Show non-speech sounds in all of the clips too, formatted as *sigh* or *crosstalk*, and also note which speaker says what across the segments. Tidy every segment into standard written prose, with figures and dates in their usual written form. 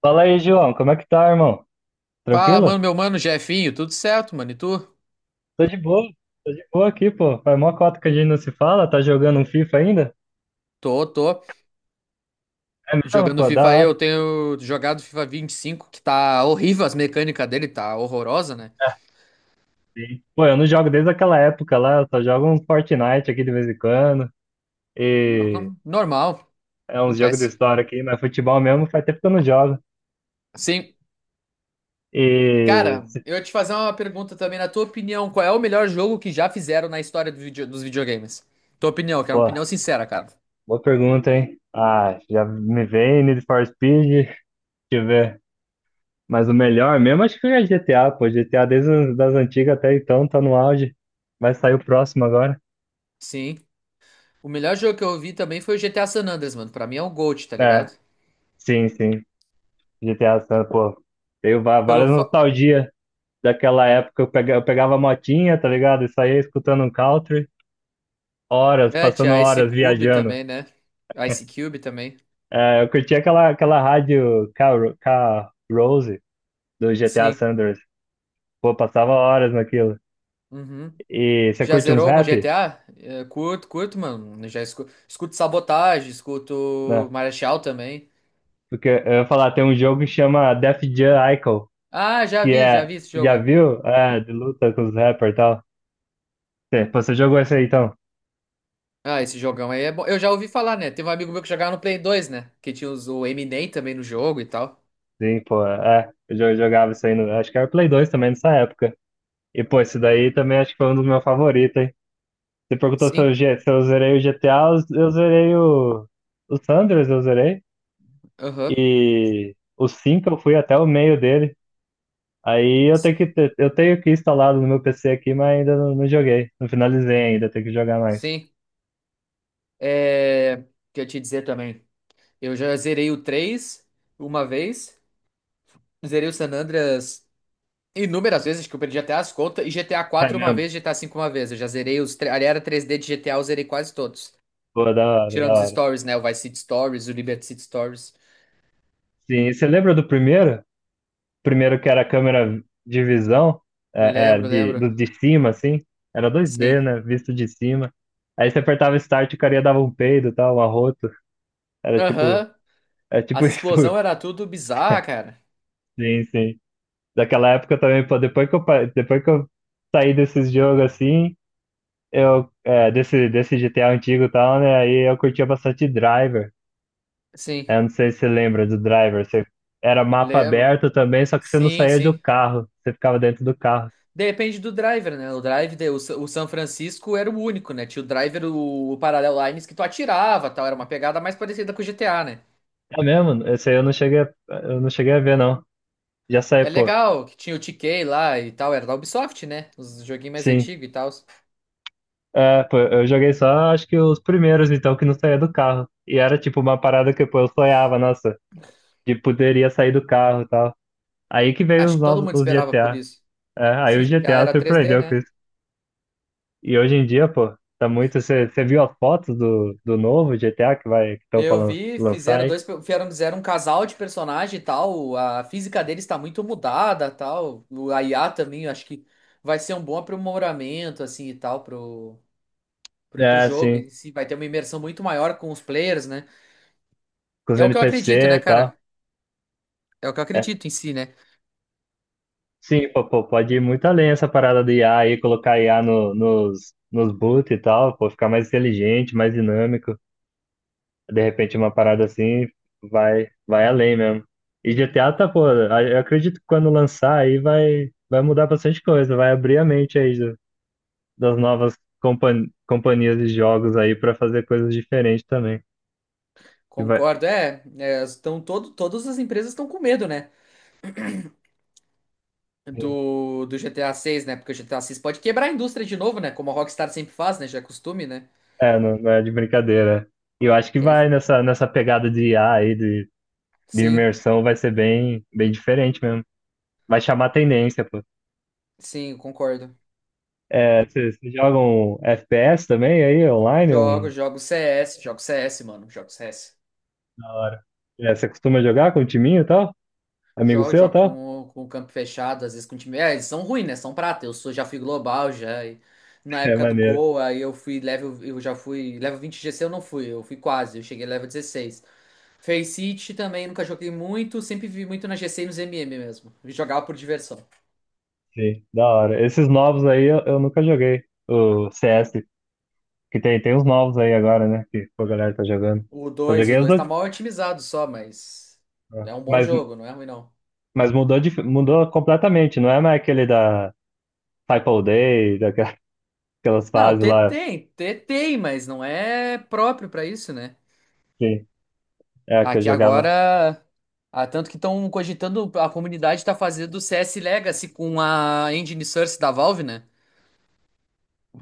Speaker 1: Fala aí, João, como é que tá, irmão?
Speaker 2: Fala,
Speaker 1: Tranquilo?
Speaker 2: mano, meu mano, Jefinho, tudo certo, mano? E tu?
Speaker 1: Tô de boa, tô de boa aqui, pô. Faz mó cota que a gente não se fala, tá jogando um FIFA ainda?
Speaker 2: Tô, tô.
Speaker 1: É mesmo,
Speaker 2: Jogando
Speaker 1: pô, da
Speaker 2: FIFA aí,
Speaker 1: hora.
Speaker 2: eu tenho jogado FIFA 25 que tá horrível as mecânicas dele, tá horrorosa, né?
Speaker 1: Sim. Pô, eu não jogo desde aquela época lá, eu só jogo um Fortnite aqui de vez em quando, e
Speaker 2: Hum, Normal,
Speaker 1: é uns jogos de
Speaker 2: acontece.
Speaker 1: história aqui, mas futebol mesmo faz tempo que eu não jogo.
Speaker 2: Sim,
Speaker 1: E,
Speaker 2: cara,
Speaker 1: se-
Speaker 2: eu ia te fazer uma pergunta também, na tua opinião, qual é o melhor jogo que já fizeram na história dos videogames? Tua opinião, quero uma
Speaker 1: Pô,
Speaker 2: opinião sincera, cara.
Speaker 1: boa pergunta, hein? Ah, já me veio Need for Speed, deixa eu ver. Mas o melhor mesmo acho que é GTA, pô. GTA desde as das antigas até então tá no auge. Vai sair o próximo agora.
Speaker 2: Sim. O melhor jogo que eu vi também foi o GTA San Andreas, mano. Pra mim é um GOAT, tá
Speaker 1: É,
Speaker 2: ligado?
Speaker 1: sim, sim. Pô.
Speaker 2: Pelo
Speaker 1: Várias
Speaker 2: fa...
Speaker 1: nostalgias daquela época. Eu pegava a motinha, tá ligado? E saía escutando um country. Horas,
Speaker 2: É,
Speaker 1: passando
Speaker 2: tinha Ice
Speaker 1: horas
Speaker 2: Cube
Speaker 1: viajando.
Speaker 2: também, né? Ice Cube também.
Speaker 1: É, eu curtia aquela K-Rose do GTA
Speaker 2: Sim.
Speaker 1: Sanders. Pô, passava horas naquilo.
Speaker 2: Uhum.
Speaker 1: E você
Speaker 2: Já
Speaker 1: curte uns
Speaker 2: zerou algum
Speaker 1: rap?
Speaker 2: GTA? É, curto, curto, mano. Eu já escuto Sabotagem, escuto
Speaker 1: Né?
Speaker 2: Marechal também.
Speaker 1: Porque eu ia falar, tem um jogo que chama Def Jam Icon.
Speaker 2: Ah,
Speaker 1: Que
Speaker 2: já
Speaker 1: é.
Speaker 2: vi esse
Speaker 1: Já
Speaker 2: jogo.
Speaker 1: viu? É, de luta com os rappers e tal. Você jogou isso aí então?
Speaker 2: Ah, esse jogão aí é bom. Eu já ouvi falar, né? Teve um amigo meu que jogava no Play 2, né? Que tinha os, o Eminem também no jogo e tal.
Speaker 1: Sim, pô. É, jogava isso aí no. Acho que era Play 2 também nessa época. E, pô, isso daí também acho que foi um dos meus favoritos, hein? Você perguntou se
Speaker 2: Sim,
Speaker 1: se eu zerei o GTA, eu zerei o. O Sanders eu zerei.
Speaker 2: aham.
Speaker 1: E o 5 eu fui até o meio dele. Aí eu
Speaker 2: Sim.
Speaker 1: eu tenho que instalado no meu PC aqui, mas ainda não, não joguei. Não finalizei ainda, tenho que jogar mais.
Speaker 2: Sim. O que eu ia te dizer também. Eu já zerei o 3 uma vez. Zerei o San Andreas inúmeras vezes que eu perdi até as contas, e GTA
Speaker 1: É
Speaker 2: 4 uma
Speaker 1: mesmo?
Speaker 2: vez, GTA 5 uma vez. Eu já zerei ali era 3D de GTA, eu zerei quase todos.
Speaker 1: Pô, da hora, da
Speaker 2: Tirando os
Speaker 1: hora.
Speaker 2: stories, né? O Vice City Stories, o Liberty City Stories.
Speaker 1: Sim, e você lembra do primeiro? Primeiro que era a câmera de visão,
Speaker 2: Lembro, lembro.
Speaker 1: de cima, assim, era 2D,
Speaker 2: Sim.
Speaker 1: né? Visto de cima. Aí você apertava Start e o cara dava um peido e tal, um arroto. Era tipo,
Speaker 2: Aham.
Speaker 1: é tipo
Speaker 2: As
Speaker 1: *laughs* isso.
Speaker 2: explosões era tudo bizarra, cara.
Speaker 1: Sim, sim. Daquela época também, pô, depois que eu saí desses jogos assim, eu, é, desse GTA antigo e tal, né? Aí eu curtia bastante Driver.
Speaker 2: Sim,
Speaker 1: Eu não sei se você lembra do Driver. Você, era mapa
Speaker 2: lembro.
Speaker 1: aberto também, só que você não
Speaker 2: Sim,
Speaker 1: saía do
Speaker 2: sim.
Speaker 1: carro. Você ficava dentro do carro.
Speaker 2: Depende do driver, né? O drive, de- o, Sa- o San Francisco era o único, né? Tinha o driver, o Parallel Lines que tu atirava, tal. Era uma pegada mais parecida com o GTA, né?
Speaker 1: É mesmo? Esse aí eu não cheguei a, eu não cheguei a ver, não. Já
Speaker 2: É
Speaker 1: saiu, pô.
Speaker 2: legal que tinha o TK lá e tal, era da Ubisoft, né? Os joguinhos mais
Speaker 1: Sim.
Speaker 2: antigos e tal.
Speaker 1: É, pô, eu joguei só, acho que os primeiros, então, que não saía do carro. E era, tipo, uma parada que, pô, eu sonhava, nossa, de poderia sair do carro e tal. Aí que veio
Speaker 2: Acho
Speaker 1: os
Speaker 2: que todo
Speaker 1: novos,
Speaker 2: mundo
Speaker 1: os
Speaker 2: esperava por
Speaker 1: GTA.
Speaker 2: isso.
Speaker 1: É, aí
Speaker 2: Sim,
Speaker 1: o
Speaker 2: GTA
Speaker 1: GTA
Speaker 2: era 3D,
Speaker 1: surpreendeu com
Speaker 2: né?
Speaker 1: isso. E hoje em dia, pô, tá muito... Você viu as fotos do novo GTA que vai, que estão pra
Speaker 2: Eu
Speaker 1: lan-
Speaker 2: vi,
Speaker 1: lançar
Speaker 2: fizeram
Speaker 1: aí?
Speaker 2: dois, fizeram, fizeram um casal de personagem e tal. A física deles está muito mudada, tal. O I a também, eu acho que vai ser um bom aprimoramento assim e tal pro
Speaker 1: É,
Speaker 2: jogo
Speaker 1: sim.
Speaker 2: em si, vai ter uma imersão muito maior com os players, né?
Speaker 1: Com os
Speaker 2: É o que eu
Speaker 1: NPC
Speaker 2: acredito, né,
Speaker 1: e tal.
Speaker 2: cara? É o que eu
Speaker 1: É,
Speaker 2: acredito em si, né?
Speaker 1: sim, pô, pô, pode ir muito além essa parada do IA aí, colocar IA no, nos boot e tal, pô, ficar mais inteligente, mais dinâmico. De repente uma parada assim vai, vai além mesmo. E GTA tá, pô, eu acredito que quando lançar aí vai, vai mudar bastante coisa, vai abrir a mente aí do- das novas companhias de jogos aí pra fazer coisas diferentes também. Que vai,
Speaker 2: Concordo, estão todas as empresas estão com medo, né? Do GTA 6, né? Porque o GTA 6 pode quebrar a indústria de novo, né? Como a Rockstar sempre faz, né? Já é costume, né?
Speaker 1: é, não, não é de brincadeira. E eu acho que
Speaker 2: Eles...
Speaker 1: vai nessa, nessa pegada de IA aí, de
Speaker 2: Sim,
Speaker 1: imersão vai ser bem, bem diferente mesmo. Vai chamar tendência, pô.
Speaker 2: sim, eu concordo.
Speaker 1: É, vocês jogam FPS também aí, online?
Speaker 2: Jogo,
Speaker 1: Um...
Speaker 2: jogo CS, jogo CS, mano, jogo CS.
Speaker 1: Da hora. É, você costuma jogar com o timinho e tal? Amigo
Speaker 2: Jogo,
Speaker 1: seu e
Speaker 2: jogo
Speaker 1: tal?
Speaker 2: com o campo fechado, às vezes com o time. É, eles são ruins, né? São prata. Eu sou, já fui global, já. E na
Speaker 1: *laughs* É
Speaker 2: época do
Speaker 1: maneiro,
Speaker 2: Gol, aí eu fui level, eu já fui. Level 20 GC eu não fui, eu fui quase, eu cheguei level 16. Face City também nunca joguei muito, sempre vi muito na GC e nos MM mesmo. Jogava por diversão.
Speaker 1: sim, da hora. Esses novos aí eu nunca joguei. O CS, que tem, tem uns novos aí agora, né? Que a galera tá jogando.
Speaker 2: O
Speaker 1: Só
Speaker 2: dois o
Speaker 1: joguei os
Speaker 2: dois
Speaker 1: dois.
Speaker 2: tá mal otimizado só, mas é um bom
Speaker 1: Mas,
Speaker 2: jogo, não é ruim não.
Speaker 1: mas mudou, de, mudou completamente, não é mais aquele da Type All Day, daquelas *laughs*
Speaker 2: Não,
Speaker 1: fases lá,
Speaker 2: T tem, mas não é próprio pra isso, né?
Speaker 1: assim, é, que eu
Speaker 2: Aqui
Speaker 1: jogava.
Speaker 2: agora, tanto que estão cogitando, a comunidade tá fazendo o CS Legacy com a engine source da Valve, né?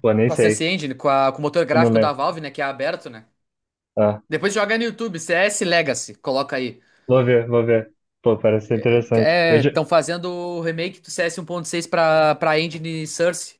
Speaker 1: Pô, nem
Speaker 2: Com a
Speaker 1: sei.
Speaker 2: Source Engine, com o motor
Speaker 1: Eu não
Speaker 2: gráfico da
Speaker 1: lembro.
Speaker 2: Valve, né, que é aberto, né?
Speaker 1: Ah,
Speaker 2: Depois joga no YouTube, CS Legacy, coloca aí.
Speaker 1: vou ver, vou ver. Pô, parece ser interessante. Eu
Speaker 2: É,
Speaker 1: já...
Speaker 2: estão fazendo o remake do CS 6 pra, pra engine source.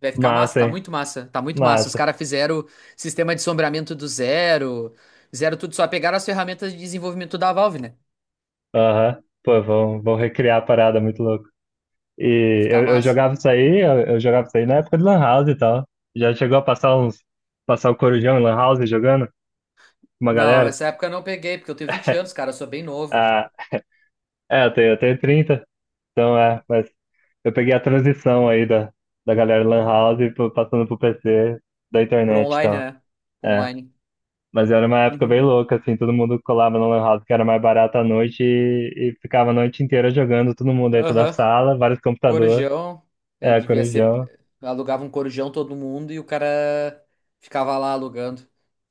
Speaker 2: Vai ficar massa,
Speaker 1: Massa,
Speaker 2: tá
Speaker 1: hein?
Speaker 2: muito massa, tá muito massa. Os
Speaker 1: Massa.
Speaker 2: caras fizeram sistema de sombreamento do zero, fizeram tudo, só pegaram as ferramentas de desenvolvimento da Valve, né?
Speaker 1: Aham. Pô, vão, vão recriar a parada, muito louco.
Speaker 2: Vai
Speaker 1: E
Speaker 2: ficar
Speaker 1: eu
Speaker 2: massa.
Speaker 1: jogava isso aí, eu jogava isso aí na época de Lan House e tal. Já chegou a passar uns. Passar o Corujão em Lan House jogando? Com uma
Speaker 2: Não,
Speaker 1: galera?
Speaker 2: essa época eu não peguei, porque eu tenho 20 anos, cara, eu sou bem novo.
Speaker 1: Ah, é, eu tenho 30, então é, mas eu peguei a transição aí da galera Lan House pro- passando pro PC da
Speaker 2: Pro
Speaker 1: internet e
Speaker 2: online,
Speaker 1: tal.
Speaker 2: né? Pro
Speaker 1: É.
Speaker 2: online.
Speaker 1: Mas era uma época bem
Speaker 2: Uhum.
Speaker 1: louca, assim, todo mundo colava no lan house que era mais barato à noite e ficava a noite inteira jogando, todo mundo dentro da
Speaker 2: Aham.
Speaker 1: sala, vários computadores,
Speaker 2: Corujão, é,
Speaker 1: é,
Speaker 2: devia ser.
Speaker 1: corujão,
Speaker 2: Alugava um corujão todo mundo e o cara ficava lá alugando.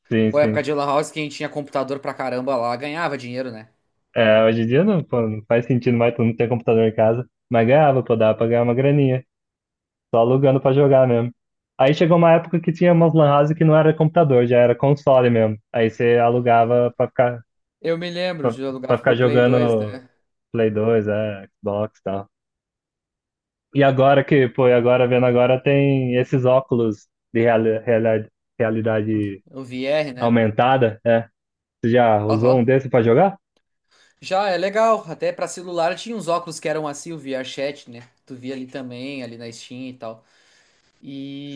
Speaker 1: sim,
Speaker 2: Pô, época
Speaker 1: sim.
Speaker 2: de Lan House, quem tinha computador pra caramba lá ganhava dinheiro, né?
Speaker 1: É, hoje em dia não, pô, não faz sentido mais, todo mundo ter computador em casa, mas ganhava, pô, dava pra ganhar uma graninha, só alugando pra jogar mesmo. Aí chegou uma época que tinha umas lan house que não era computador, já era console mesmo, aí você alugava pra ficar,
Speaker 2: Eu me lembro
Speaker 1: pra,
Speaker 2: de
Speaker 1: pra
Speaker 2: alugar
Speaker 1: ficar
Speaker 2: pro Play 2,
Speaker 1: jogando
Speaker 2: né?
Speaker 1: Play 2, é, Xbox e tal. E agora que, pô, e agora vendo agora tem esses óculos de realidade
Speaker 2: O VR, né?
Speaker 1: aumentada, é. Você já usou um
Speaker 2: Aham.
Speaker 1: desse pra jogar?
Speaker 2: Já é legal, até pra celular tinha uns óculos que eram assim, o VRChat, né? Tu via ali também, ali na Steam e tal.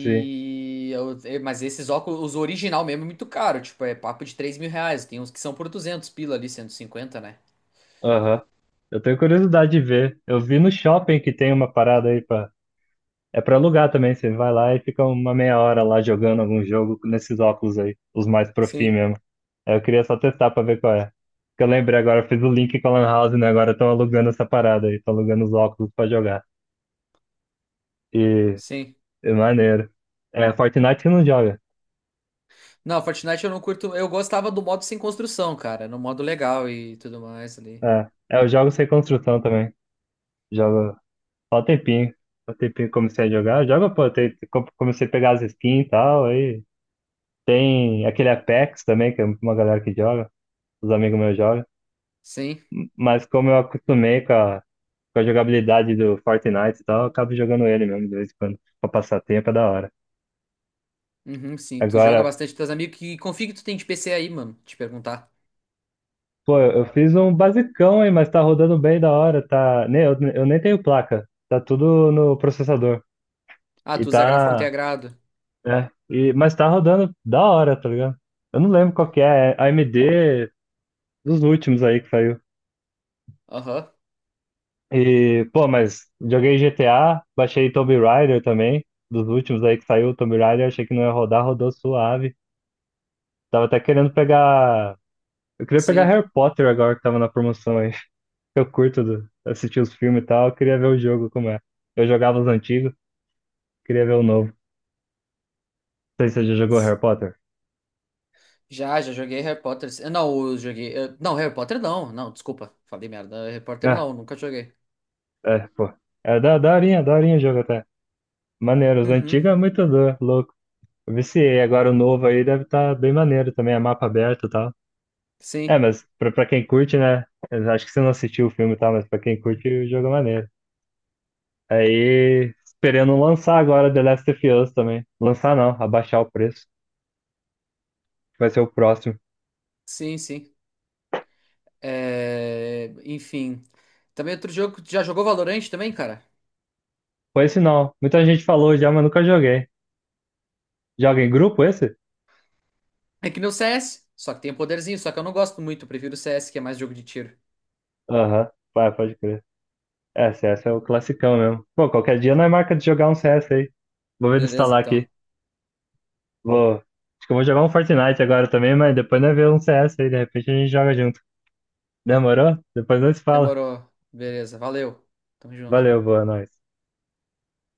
Speaker 1: Sim.
Speaker 2: eu- É, mas esses óculos, os original mesmo é muito caro, tipo, é papo de R$ 3.000. Tem uns que são por 200 pila ali, 150 né?
Speaker 1: Aham. Eu tenho curiosidade de ver. Eu vi no shopping que tem uma parada aí pra. É pra alugar também, você vai lá e fica uma meia hora lá jogando algum jogo nesses óculos aí, os mais profi
Speaker 2: Sim,
Speaker 1: mesmo. Aí eu queria só testar pra ver qual é. Que eu lembrei agora, eu fiz o link com a Lan House, né? Agora estão alugando essa parada aí, estão alugando os óculos pra jogar. E
Speaker 2: sim.
Speaker 1: é maneiro. É, Fortnite que não joga.
Speaker 2: Não, Fortnite eu não curto, eu gostava do modo sem construção, cara, no modo legal e tudo mais ali.
Speaker 1: É, é, eu jogo sem construção também. Jogo só um tempinho. Um tempinho que comecei a jogar. Joga, pô, comecei a pegar as skins e tal. Aí tem aquele Apex também, que é uma galera que joga. Os amigos meus jogam.
Speaker 2: Sim,
Speaker 1: Mas como eu acostumei com a jogabilidade do Fortnite e tal, eu acabo jogando ele mesmo de vez em quando. Pra passar tempo é da hora.
Speaker 2: uhum, sim. Tu joga
Speaker 1: Agora,
Speaker 2: bastante com teus amigos, que config tu tem de PC aí, mano? Te perguntar.
Speaker 1: pô, eu fiz um basicão aí, mas tá rodando bem da hora. Tá... Nem, eu nem tenho placa. Tá tudo no processador.
Speaker 2: Ah,
Speaker 1: E
Speaker 2: tu usa gráfico
Speaker 1: tá.
Speaker 2: integrado.
Speaker 1: É, e, mas tá rodando da hora, tá ligado? Eu não lembro qual que é, é AMD dos últimos aí que saiu.
Speaker 2: Aham,
Speaker 1: E, pô, mas joguei GTA, baixei Tomb Raider também, dos últimos aí que saiu, o Tomb Raider, achei que não ia rodar, rodou suave. Tava até querendo pegar. Eu queria pegar
Speaker 2: sim.
Speaker 1: Harry Potter agora que tava na promoção aí. *laughs* Assistir os filmes e tal, eu queria ver o jogo como é. Eu jogava os antigos, queria ver o novo. Não sei se você já jogou Harry Potter.
Speaker 2: Já, já joguei Harry Potter. Eu não, eu joguei. Não, Harry Potter não. Não, desculpa. Falei merda. Harry Potter
Speaker 1: Ah,
Speaker 2: não, nunca joguei.
Speaker 1: é, pô. É da daorinha, daorinha o jogo até. Maneiro, os
Speaker 2: Uhum.
Speaker 1: antigos é louco. Eu viciei, agora o novo aí deve estar bem maneiro também, é mapa aberto e tal. É,
Speaker 2: Sim,
Speaker 1: mas pra quem curte, né? Eu acho que você não assistiu o filme e tal, mas pra quem curte, o jogo é maneiro. Aí, esperando lançar agora The Last of Us também. Lançar não, abaixar o preço, que vai ser o próximo.
Speaker 2: sim, sim. Enfim. Também outro jogo. Já jogou Valorant também, cara?
Speaker 1: Foi esse não, muita gente falou já, mas nunca joguei. Joga em grupo esse?
Speaker 2: É que nem o CS. Só que tem o poderzinho, só que eu não gosto muito. Eu prefiro o CS, que é mais jogo de tiro.
Speaker 1: Aham, vai, pode crer. É, CS é o classicão mesmo. Pô, qualquer dia nós marca de jogar um CS aí. Vou ver de
Speaker 2: Beleza,
Speaker 1: instalar aqui.
Speaker 2: então.
Speaker 1: Vou. Acho que eu vou jogar um Fortnite agora também, mas depois nós vemos um CS aí, de repente a gente joga junto. Demorou? Depois nós se fala.
Speaker 2: Demorou. Beleza, valeu. Tamo junto.
Speaker 1: Valeu, boa noite.